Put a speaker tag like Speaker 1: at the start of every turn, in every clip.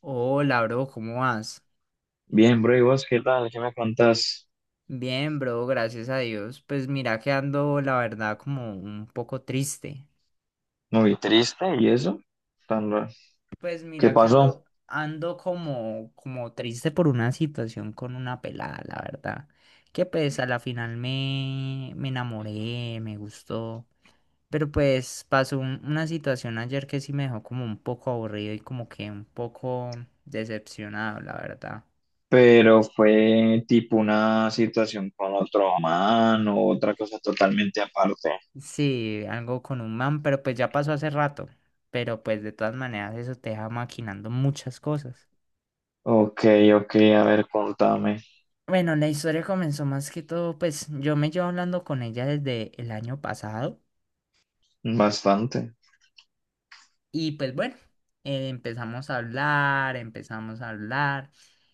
Speaker 1: Hola, bro, ¿cómo vas?
Speaker 2: Bien, bro, ¿y vos qué tal? ¿Qué me contás?
Speaker 1: Bien, bro, gracias a Dios. Pues mira que ando, la verdad, como un poco triste.
Speaker 2: Muy triste y eso, tan raro.
Speaker 1: Pues
Speaker 2: ¿Qué
Speaker 1: mira que
Speaker 2: pasó?
Speaker 1: ando, ando como, como triste por una situación con una pelada, la verdad. Que pues a la final me enamoré, me gustó. Pero pues pasó una situación ayer que sí me dejó como un poco aburrido y como que un poco decepcionado, la verdad.
Speaker 2: Pero fue tipo una situación con otro man o otra cosa totalmente aparte.
Speaker 1: Sí, algo con un man, pero pues ya pasó hace rato. Pero pues de todas maneras eso te deja maquinando muchas cosas.
Speaker 2: Ok, ok, a ver, contame.
Speaker 1: Bueno, la historia comenzó más que todo, pues yo me llevo hablando con ella desde el año pasado
Speaker 2: Bastante.
Speaker 1: y pues bueno, empezamos a hablar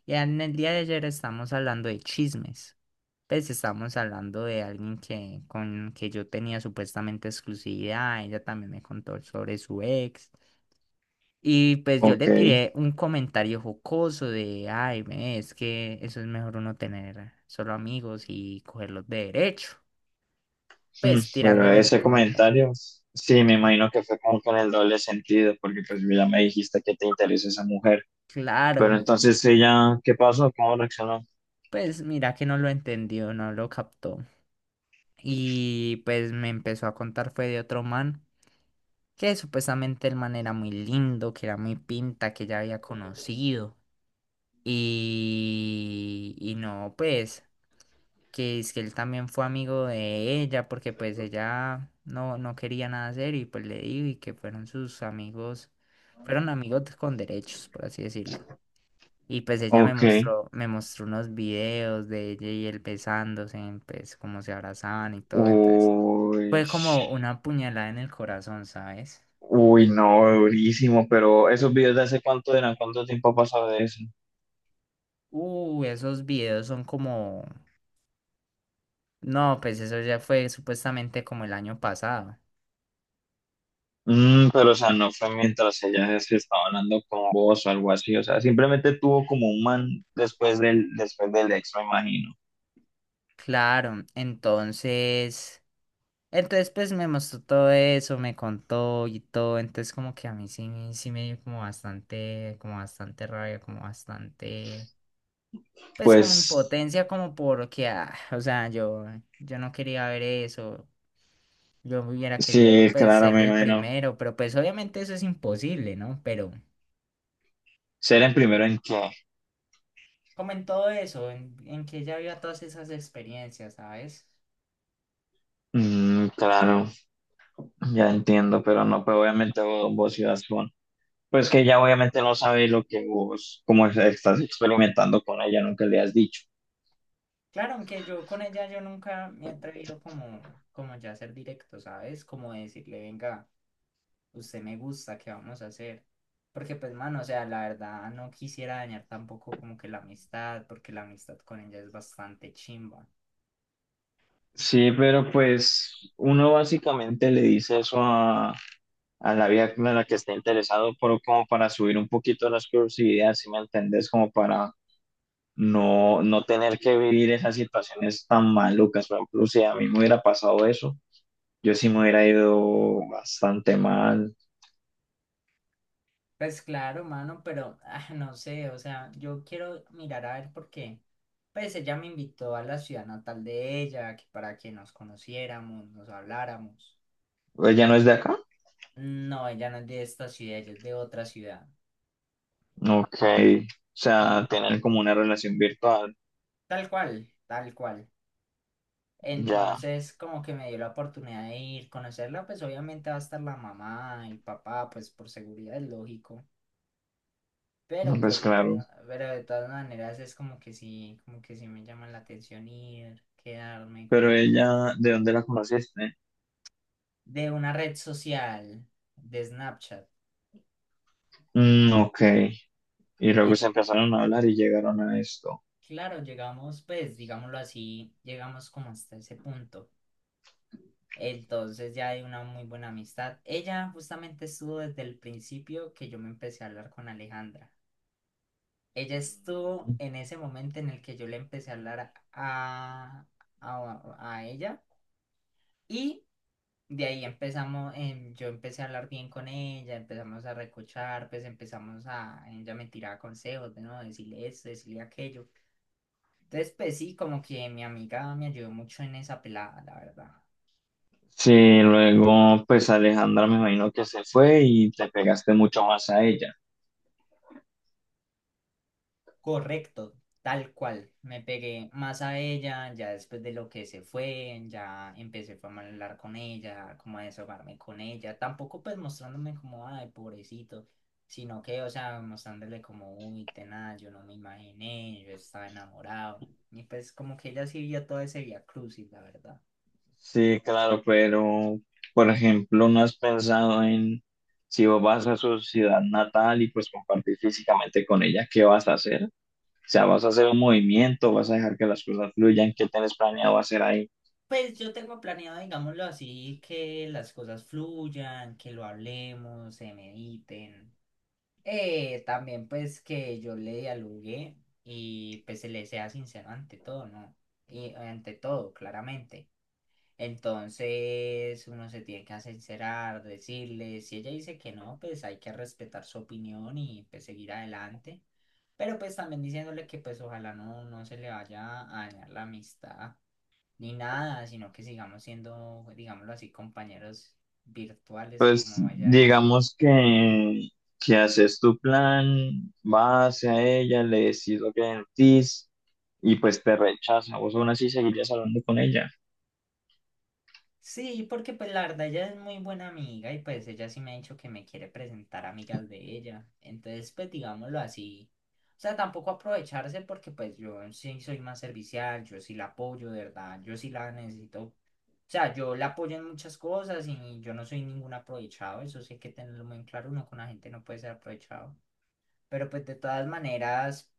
Speaker 1: y en el día de ayer estamos hablando de chismes. Pues estamos hablando de alguien que con que yo tenía supuestamente exclusividad, ella también me contó sobre su ex. Y pues yo
Speaker 2: Ok,
Speaker 1: le tiré un comentario jocoso de, ay, ve, es que eso es mejor uno tener solo amigos y cogerlos de derecho. Pues
Speaker 2: pero
Speaker 1: tirándole el
Speaker 2: ese
Speaker 1: comentario.
Speaker 2: comentario, sí, me imagino que fue como con el doble sentido, porque pues ya me dijiste que te interesa esa mujer. Pero
Speaker 1: Claro,
Speaker 2: entonces ella, ¿qué pasó? ¿Cómo reaccionó?
Speaker 1: pues mira que no lo entendió, no lo captó. Y pues me empezó a contar fue de otro man, que supuestamente el man era muy lindo, que era muy pinta, que ya había conocido. Y no, pues... que es que él también fue amigo de ella porque pues ella no, no quería nada hacer y pues le dijo y que fueron sus amigos, fueron amigos con derechos, por así decirlo. Y pues ella
Speaker 2: Ok.
Speaker 1: me mostró unos videos de ella y él besándose, pues como se abrazaban y todo, entonces
Speaker 2: Uy,
Speaker 1: fue como una puñalada en el corazón, ¿sabes?
Speaker 2: uy, no, durísimo, pero esos videos de hace cuánto eran, cuánto tiempo ha pasado de eso.
Speaker 1: Esos videos son como... No, pues eso ya fue supuestamente como el año pasado.
Speaker 2: Pero o sea, no fue mientras ella se estaba hablando con vos o algo así, o sea, simplemente tuvo como un man después del ex, me imagino.
Speaker 1: Claro, entonces... Entonces, pues me mostró todo eso, me contó y todo. Entonces, como que a mí sí, sí me dio como bastante rabia, como bastante, pues
Speaker 2: Pues
Speaker 1: como impotencia, como porque, ah, o sea, yo no quería ver eso. Yo hubiera
Speaker 2: sí,
Speaker 1: querido, pues,
Speaker 2: claro,
Speaker 1: ser
Speaker 2: me
Speaker 1: el
Speaker 2: imagino.
Speaker 1: primero, pero pues obviamente eso es imposible, ¿no? Pero
Speaker 2: Ser en primero en qué.
Speaker 1: como en todo eso, en que ella viva todas esas experiencias, ¿sabes?
Speaker 2: Mm, claro, ya entiendo, pero no, pues obviamente vos ibas con-. Pues que ella obviamente no sabe lo que vos, estás experimentando con ella, nunca le has dicho.
Speaker 1: Claro, aunque yo con ella yo nunca me he atrevido como, como ya a ser directo, ¿sabes? Como decirle, venga. Usted me gusta, ¿qué vamos a hacer? Porque pues, mano, o sea, la verdad no quisiera dañar tampoco como que la amistad, porque la amistad con ella es bastante chimba.
Speaker 2: Sí, pero pues uno básicamente le dice eso a la vieja en la que está interesado, pero como para subir un poquito las curiosidades, si me entendés, como para no tener que vivir esas situaciones tan malucas. Por ejemplo, si a mí me hubiera pasado eso, yo sí me hubiera ido bastante mal.
Speaker 1: Pues claro, mano, pero ah, no sé, o sea, yo quiero mirar a ver por qué. Pues ella me invitó a la ciudad natal de ella, que para que nos conociéramos, nos habláramos.
Speaker 2: ¿Ella no es de acá?
Speaker 1: No, ella no es de esta ciudad, ella es de otra ciudad.
Speaker 2: Ok. O
Speaker 1: Y
Speaker 2: sea, tener como una relación virtual,
Speaker 1: tal cual, tal cual.
Speaker 2: ya,
Speaker 1: Entonces, como que me dio la oportunidad de ir, conocerla, pues obviamente va a estar la mamá y papá, pues por seguridad es lógico. Pero
Speaker 2: no, pues
Speaker 1: pues de
Speaker 2: claro.
Speaker 1: todas, pero de todas maneras es como que sí me llama la atención ir, quedarme
Speaker 2: Pero
Speaker 1: como cerca.
Speaker 2: ella, ¿de dónde la conociste?
Speaker 1: De una red social, de Snapchat.
Speaker 2: Mm, ok. Y luego
Speaker 1: En,
Speaker 2: se empezaron a hablar y llegaron a esto.
Speaker 1: claro, llegamos, pues, digámoslo así, llegamos como hasta ese punto. Entonces ya hay una muy buena amistad. Ella justamente estuvo desde el principio que yo me empecé a hablar con Alejandra. Ella estuvo en ese momento en el que yo le empecé a hablar a ella y de ahí empezamos, yo empecé a hablar bien con ella, empezamos a recochar, pues empezamos a, ella me tiraba consejos, de no, decirle esto, decirle aquello. Entonces, pues sí, como que mi amiga me ayudó mucho en esa pelada, la verdad.
Speaker 2: Sí, luego pues Alejandra me imagino que se fue y te pegaste mucho más a ella.
Speaker 1: Correcto, tal cual. Me pegué más a ella, ya después de lo que se fue, ya empecé fue, a hablar con ella, como a desahogarme con ella. Tampoco pues mostrándome como, ay, pobrecito, sino que, o sea, mostrándole como, uy, tenaz, yo no me imaginé, yo estaba enamorado. Y pues como que ella sí vio todo ese vía crucis, la verdad.
Speaker 2: Sí, claro, pero por ejemplo, ¿no has pensado en si vos vas a su ciudad natal y pues compartir físicamente con ella, qué vas a hacer? O sea, ¿vas a hacer un movimiento? ¿Vas a dejar que las cosas fluyan? ¿Qué tienes planeado hacer ahí?
Speaker 1: Pues yo tengo planeado, digámoslo así, que las cosas fluyan, que lo hablemos, se mediten. También pues que yo le dialogué y pues se le sea sincero ante todo, ¿no? Y ante todo, claramente. Entonces uno se tiene que sincerar, decirle, si ella dice que no, pues hay que respetar su opinión y pues seguir adelante. Pero pues también diciéndole que pues ojalá no, no se le vaya a dañar la amistad ni nada, sino que sigamos siendo, digámoslo así, compañeros virtuales,
Speaker 2: Pues
Speaker 1: como ella dice.
Speaker 2: digamos que haces tu plan, vas hacia ella, le decís lo que sentís y pues te rechaza. Vos aún así seguirías hablando con ella.
Speaker 1: Sí, porque pues la verdad ella es muy buena amiga y pues ella sí me ha dicho que me quiere presentar amigas de ella. Entonces, pues digámoslo así. O sea, tampoco aprovecharse porque pues yo sí soy más servicial, yo sí la apoyo, de verdad, yo sí la necesito. O sea, yo la apoyo en muchas cosas y yo no soy ningún aprovechado, eso sí hay que tenerlo muy en claro, uno con la gente no puede ser aprovechado. Pero pues de todas maneras,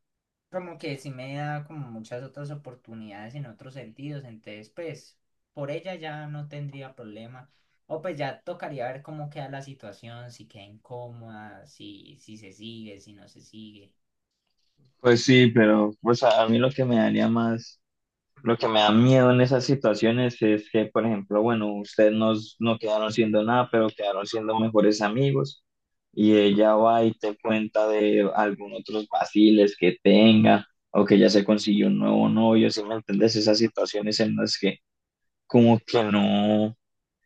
Speaker 1: como que sí me da como muchas otras oportunidades en otros sentidos. Entonces, pues por ella ya no tendría problema. O pues ya tocaría ver cómo queda la situación, si queda incómoda, si, si se sigue, si no se sigue.
Speaker 2: Pues sí, pero pues a mí lo que me daría más. Lo que me da miedo en esas situaciones es que, por ejemplo, bueno, ustedes no quedaron siendo nada, pero quedaron siendo mejores amigos y ella va y te cuenta de algún otros vaciles que tenga o que ya se consiguió un nuevo novio, ¿si me entiendes? Esas situaciones en las que como que no,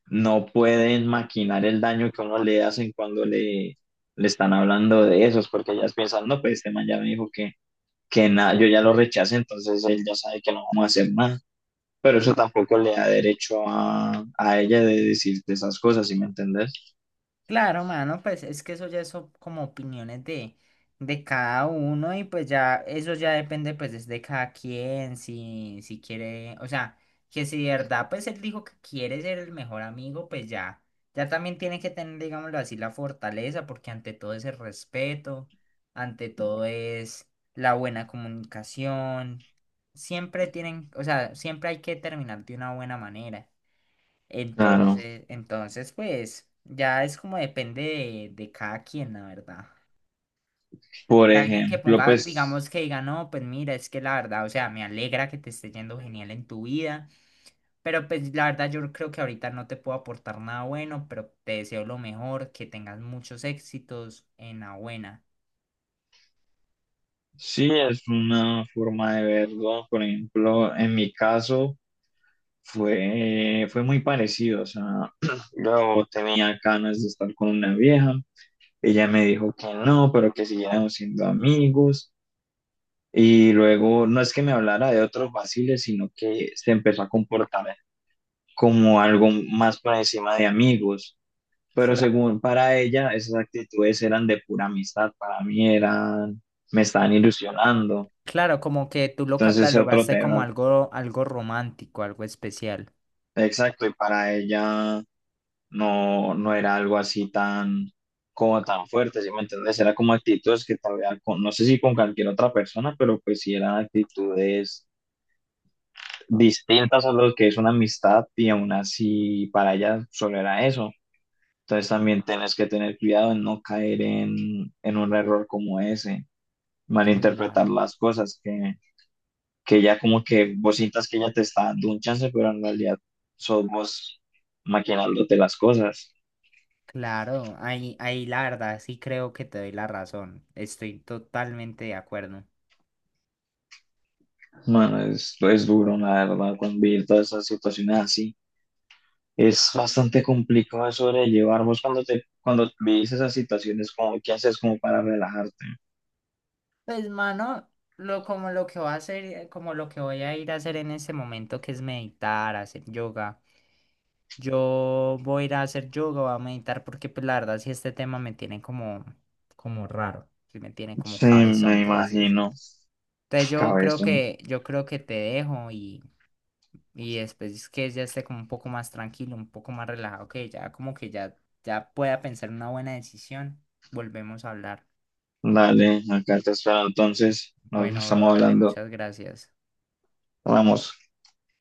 Speaker 2: no pueden maquinar el daño que uno le hacen cuando le están hablando de esos, porque ellas piensan, no, pues este man ya me dijo que, nada, yo ya lo rechacé, entonces él ya sabe que no vamos a hacer nada. Pero eso tampoco le da derecho a ella de decirte esas cosas, ¿sí me entendés?
Speaker 1: Claro, mano, pues es que eso ya son como opiniones de cada uno y pues ya eso ya depende pues es de cada quien, si, si quiere, o sea, que si de verdad pues él dijo que quiere ser el mejor amigo, pues ya, ya también tiene que tener, digámoslo así, la fortaleza, porque ante todo es el respeto, ante todo es la buena comunicación, siempre tienen, o sea, siempre hay que terminar de una buena manera.
Speaker 2: Claro.
Speaker 1: Entonces, pues, ya es como depende de cada quien, la verdad.
Speaker 2: Por
Speaker 1: Y alguien que
Speaker 2: ejemplo,
Speaker 1: ponga,
Speaker 2: pues
Speaker 1: digamos, que diga, no, pues mira, es que la verdad, o sea, me alegra que te esté yendo genial en tu vida, pero pues la verdad yo creo que ahorita no te puedo aportar nada bueno, pero te deseo lo mejor, que tengas muchos éxitos en la buena.
Speaker 2: sí es una forma de verlo. Por ejemplo, en mi caso fue muy parecido. O sea, yo tenía ganas de estar con una vieja. Ella me dijo que no, pero que siguiéramos siendo amigos. Y luego, no es que me hablara de otros vaciles, sino que se empezó a comportar como algo más por encima de amigos. Pero
Speaker 1: Cla-
Speaker 2: según para ella, esas actitudes eran de pura amistad, para mí eran, me estaban ilusionando.
Speaker 1: Claro, como que tú lo
Speaker 2: Entonces ese otro
Speaker 1: catalogaste como
Speaker 2: terror.
Speaker 1: algo, algo romántico, algo especial.
Speaker 2: Exacto, y para ella no era algo así tan, como tan fuerte, ¿sí me entiendes? Era como actitudes que todavía, con, no sé si con cualquier otra persona, pero pues sí eran actitudes distintas a lo que es una amistad y aún así para ella solo era eso. Entonces también tienes que tener cuidado en no caer en un error como ese. Malinterpretar
Speaker 1: Claro.
Speaker 2: las cosas, que ya como que vos sientas que ella te está dando un chance, pero en realidad sos vos maquinándote las cosas.
Speaker 1: Claro, ahí, ahí la verdad sí creo que te doy la razón. Estoy totalmente de acuerdo.
Speaker 2: Mano, es duro, la verdad, convivir todas esas situaciones así. Es bastante complicado de sobrellevar. Vos cuando cuando vivís esas situaciones, como, ¿qué haces como para relajarte?
Speaker 1: Pues, mano, lo como lo que voy a hacer, como lo que voy a ir a hacer en este momento, que es meditar, hacer yoga. Yo voy a ir a hacer yoga, voy a meditar, porque pues la verdad sí este tema me tiene como, como raro. Sí me tiene como
Speaker 2: Sí,
Speaker 1: cabezón,
Speaker 2: me
Speaker 1: por así decirlo.
Speaker 2: imagino.
Speaker 1: Entonces
Speaker 2: Cabezón.
Speaker 1: yo creo que te dejo y después es que ya esté como un poco más tranquilo, un poco más relajado, que ya como que ya, ya pueda pensar una buena decisión, volvemos a hablar.
Speaker 2: Dale, acá te espero. Entonces, nos
Speaker 1: Bueno, bro,
Speaker 2: estamos
Speaker 1: dale,
Speaker 2: hablando.
Speaker 1: muchas gracias.
Speaker 2: Vamos.